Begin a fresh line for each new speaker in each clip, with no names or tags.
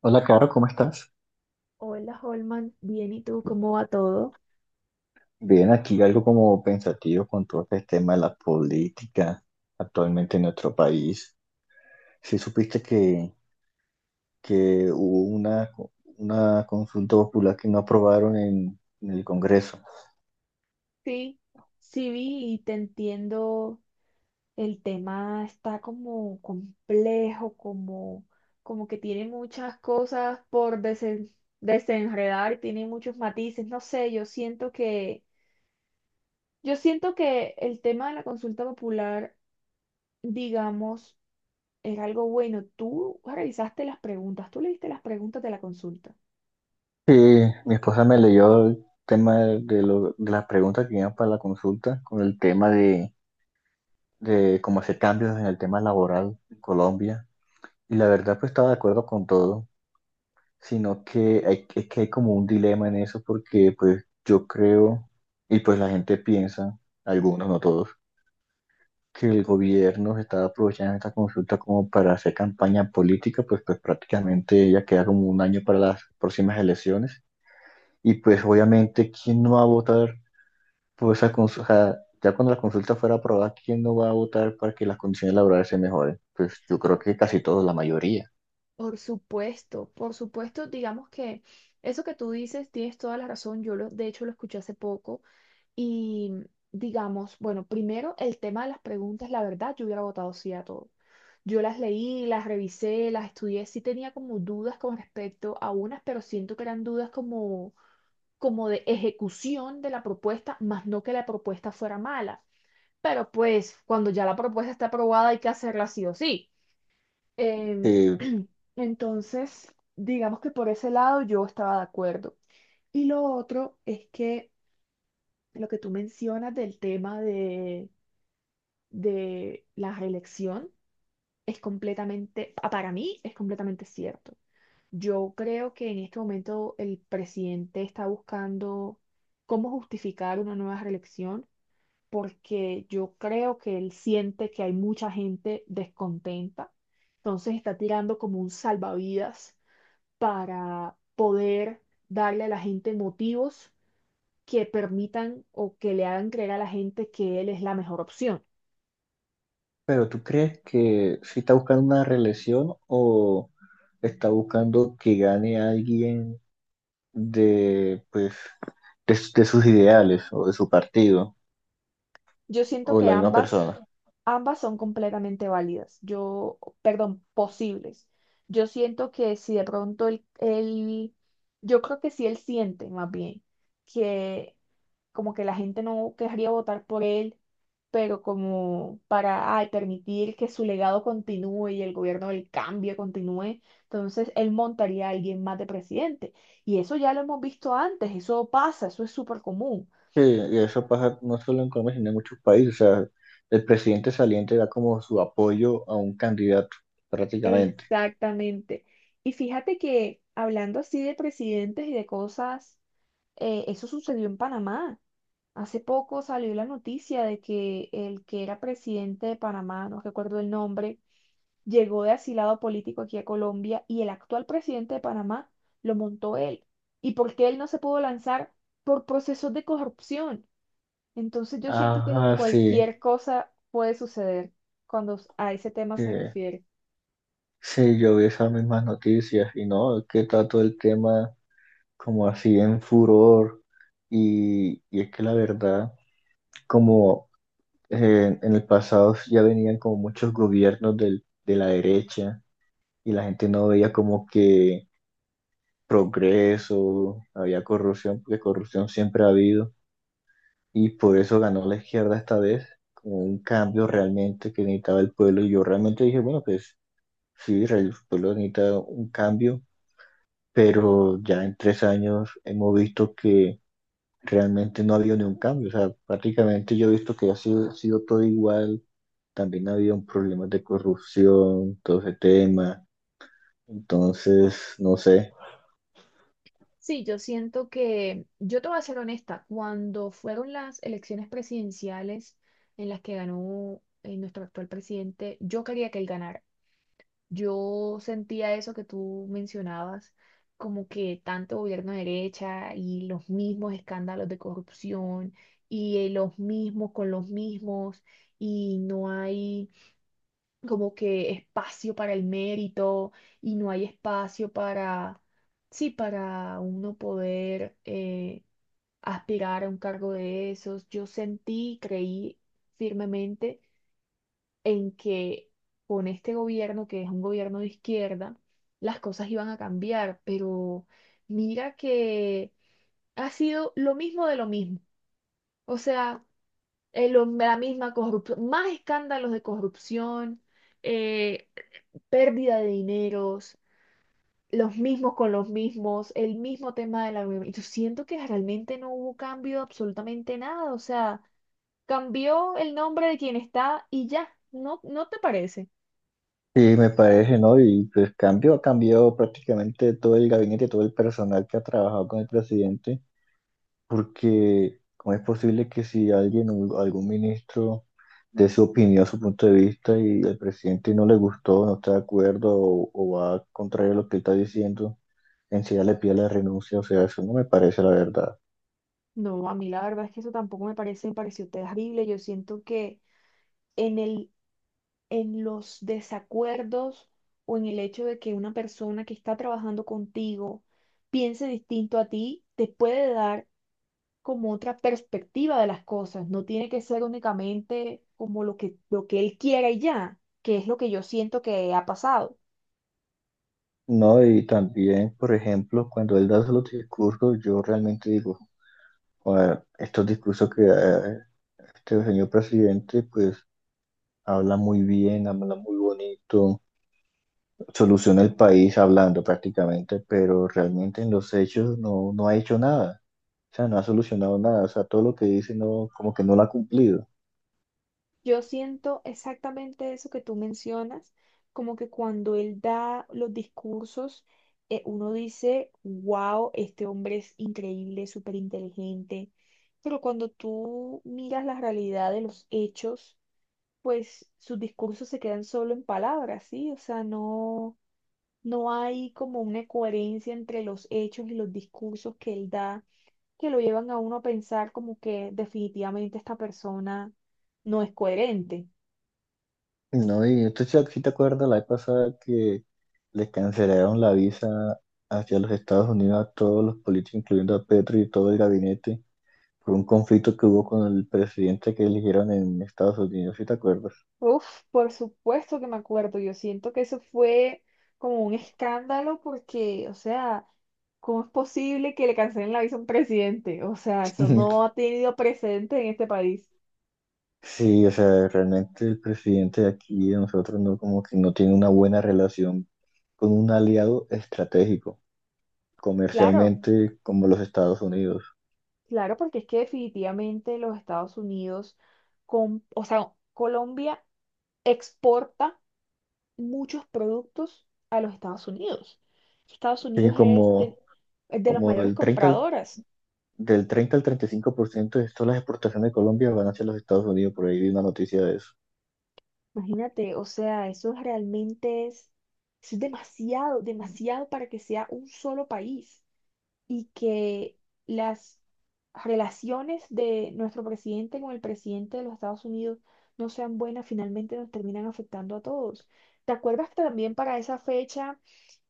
Hola, Caro, ¿cómo estás?
Hola, Holman. Bien, ¿y tú cómo va todo?
Bien, aquí algo como pensativo con todo este tema de la política actualmente en nuestro país. Si supiste que hubo una consulta popular que no aprobaron en el Congreso.
Sí, sí vi y te entiendo. El tema está como complejo, como que tiene muchas cosas por desenredar, tiene muchos matices. No sé, yo siento que el tema de la consulta popular, digamos, era algo bueno. Tú revisaste las preguntas, tú leíste las preguntas de la consulta.
Sí, mi esposa me leyó el tema de las preguntas que iban para la consulta con el tema de cómo hacer cambios en el tema laboral en Colombia. Y la verdad, pues estaba de acuerdo con todo, sino que hay, es que hay como un dilema en eso porque pues yo creo, y pues la gente piensa, algunos, no todos, que el gobierno se está aprovechando esta consulta como para hacer campaña política, pues prácticamente ya queda como un año para las próximas elecciones. Y pues obviamente, ¿quién no va a votar por esa consulta? Ya cuando la consulta fuera aprobada, ¿quién no va a votar para que las condiciones laborales se mejoren? Pues yo creo que casi todos, la mayoría.
Por supuesto, digamos que eso que tú dices tienes toda la razón. De hecho lo escuché hace poco y digamos, bueno, primero el tema de las preguntas, la verdad, yo hubiera votado sí a todo. Yo las leí, las revisé, las estudié, sí tenía como dudas con respecto a unas, pero siento que eran dudas como de ejecución de la propuesta, más no que la propuesta fuera mala. Pero pues cuando ya la propuesta está aprobada hay que hacerla sí o sí. Em,
Eh,
entonces, digamos que por ese lado yo estaba de acuerdo. Y lo otro es que lo que tú mencionas del tema de la reelección para mí es completamente cierto. Yo creo que en este momento el presidente está buscando cómo justificar una nueva reelección porque yo creo que él siente que hay mucha gente descontenta. Entonces está tirando como un salvavidas para poder darle a la gente motivos que permitan o que le hagan creer a la gente que él es la mejor opción.
Pero ¿tú crees que si está buscando una reelección o está buscando que gane alguien de, pues, de sus ideales o de su partido
Yo siento
o
que
la misma
ambas,
persona?
ambas son completamente válidas. Yo, perdón, posibles. Yo siento que si de pronto él, él- yo creo que si él siente más bien que como que la gente no querría votar por él, pero como para ay, permitir que su legado continúe y el gobierno del cambio continúe, entonces él montaría a alguien más de presidente. Y eso ya lo hemos visto antes, eso pasa, eso es súper común.
Sí, y eso pasa no solo en Colombia, sino en muchos países. O sea, el presidente saliente da como su apoyo a un candidato, prácticamente.
Exactamente. Y fíjate que hablando así de presidentes y de cosas, eso sucedió en Panamá. Hace poco salió la noticia de que el que era presidente de Panamá, no recuerdo el nombre, llegó de asilado político aquí a Colombia y el actual presidente de Panamá lo montó él. ¿Y por qué él no se pudo lanzar? Por procesos de corrupción. Entonces yo siento que
Ajá, sí,
cualquier cosa puede suceder cuando a ese tema
sí,
se refiere.
sí, yo vi esas mismas noticias y no, es que está todo el tema como así en furor. Y es que la verdad, como en el pasado ya venían como muchos gobiernos del- de la derecha y la gente no veía como que progreso, había corrupción, porque corrupción siempre ha habido. Y por eso ganó la izquierda esta vez, como un cambio realmente que necesitaba el pueblo. Y yo realmente dije, bueno, pues sí, el pueblo necesita un cambio, pero ya en 3 años hemos visto que realmente no ha habido ningún cambio. O sea, prácticamente yo he visto que ha sido todo igual. También ha habido problemas de corrupción, todo ese tema. Entonces, no sé.
Sí, yo te voy a ser honesta, cuando fueron las elecciones presidenciales en las que ganó nuestro actual presidente, yo quería que él ganara. Yo sentía eso que tú mencionabas, como que tanto gobierno de derecha y los mismos escándalos de corrupción y los mismos con los mismos y no hay como que espacio para el mérito y no hay espacio para, sí, para uno poder aspirar a un cargo de esos. Yo sentí, creí firmemente en que con este gobierno, que es un gobierno de izquierda, las cosas iban a cambiar, pero mira que ha sido lo mismo de lo mismo. O sea, la misma corrupción, más escándalos de corrupción. eh, Pérdida de dineros, los mismos con los mismos, el mismo tema de la. Y yo siento que realmente no hubo cambio de absolutamente nada, o sea, cambió el nombre de quien está y ya, ¿no, no te parece?
Sí, me parece, ¿no? Y pues cambio, ha cambiado prácticamente todo el gabinete, todo el personal que ha trabajado con el presidente, porque ¿cómo es posible que si alguien, o algún ministro, dé su opinión, su punto de vista y al presidente no le gustó, no está de acuerdo o va contrario a lo que él está diciendo, encima le pide la renuncia? O sea, eso no me parece, la verdad.
No, a mí la verdad es que eso tampoco me parece, me pareció terrible, yo siento que en el, en los desacuerdos o en el hecho de que una persona que está trabajando contigo piense distinto a ti, te puede dar como otra perspectiva de las cosas, no tiene que ser únicamente como lo que él quiera y ya, que es lo que yo siento que ha pasado.
No, y también, por ejemplo, cuando él da los discursos, yo realmente digo: "Joder, estos discursos que da este señor presidente, pues habla muy bien, habla muy bonito, soluciona el país hablando prácticamente, pero realmente en los hechos no, no ha hecho nada, o sea, no ha solucionado nada, o sea, todo lo que dice no, como que no lo ha cumplido".
Yo siento exactamente eso que tú mencionas, como que cuando él da los discursos, uno dice, wow, este hombre es increíble, súper inteligente, pero cuando tú miras la realidad de los hechos, pues sus discursos se quedan solo en palabras, ¿sí? O sea, no hay como una coherencia entre los hechos y los discursos que él da, que lo llevan a uno a pensar como que definitivamente esta persona no es coherente.
No, y entonces si te acuerdas la vez pasada que les cancelaron la visa hacia los Estados Unidos a todos los políticos, incluyendo a Petro y todo el gabinete, por un conflicto que hubo con el presidente que eligieron en Estados Unidos, si te acuerdas.
Uf, por supuesto que me acuerdo. Yo siento que eso fue como un escándalo porque, o sea, ¿cómo es posible que le cancelen la visa a un presidente? O sea, eso no ha tenido precedente en este país.
Sí, o sea, realmente el presidente de aquí de nosotros no, como que no tiene una buena relación con un aliado estratégico,
Claro,
comercialmente, como los Estados Unidos.
claro, porque es que definitivamente los Estados Unidos, o sea, Colombia exporta muchos productos a los Estados Unidos. Estados
Sí,
Unidos
como,
es de las
como
mayores
el
compradoras.
del 30 al 35% de todas las exportaciones de Colombia van hacia los Estados Unidos, por ahí vi una noticia de eso.
Imagínate, o sea, eso es demasiado, demasiado para que sea un solo país. Y que las relaciones de nuestro presidente con el presidente de los Estados Unidos no sean buenas, finalmente nos terminan afectando a todos. ¿Te acuerdas que también para esa fecha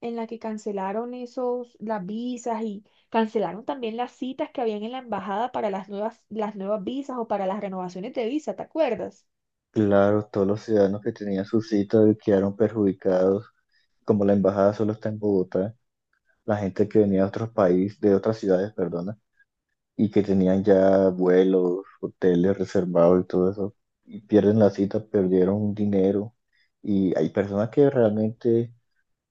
en la que cancelaron las visas y cancelaron también las citas que habían en la embajada para las nuevas visas o para las renovaciones de visa? ¿Te acuerdas?
Claro, todos los ciudadanos que tenían su cita quedaron perjudicados, como la embajada solo está en Bogotá, la gente que venía de otros países, de otras ciudades, perdona, y que tenían ya vuelos, hoteles reservados y todo eso, y pierden la cita, perdieron dinero, y hay personas que realmente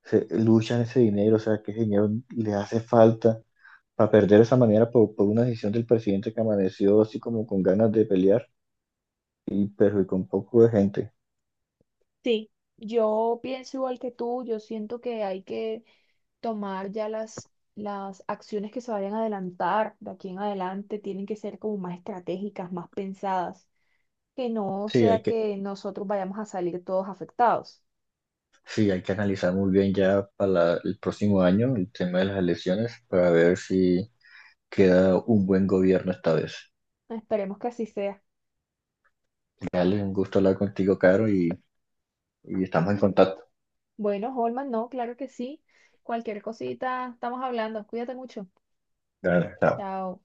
se, luchan ese dinero, o sea, que ese dinero les hace falta para perder de esa manera por una decisión del presidente que amaneció así como con ganas de pelear y perjudicó un poco de gente.
Sí. Yo pienso igual que tú, yo siento que hay que tomar ya las acciones que se vayan a adelantar de aquí en adelante tienen que ser como más estratégicas, más pensadas, que no
Sí,
sea
hay que
que nosotros vayamos a salir todos afectados.
Sí, hay que analizar muy bien ya para la- el próximo año el tema de las elecciones para ver si queda un buen gobierno esta vez.
Esperemos que así sea.
Dale, un gusto hablar contigo, Caro, y estamos en contacto.
Bueno, Holman, no, claro que sí. Cualquier cosita, estamos hablando. Cuídate mucho.
Dale, chao.
Chao.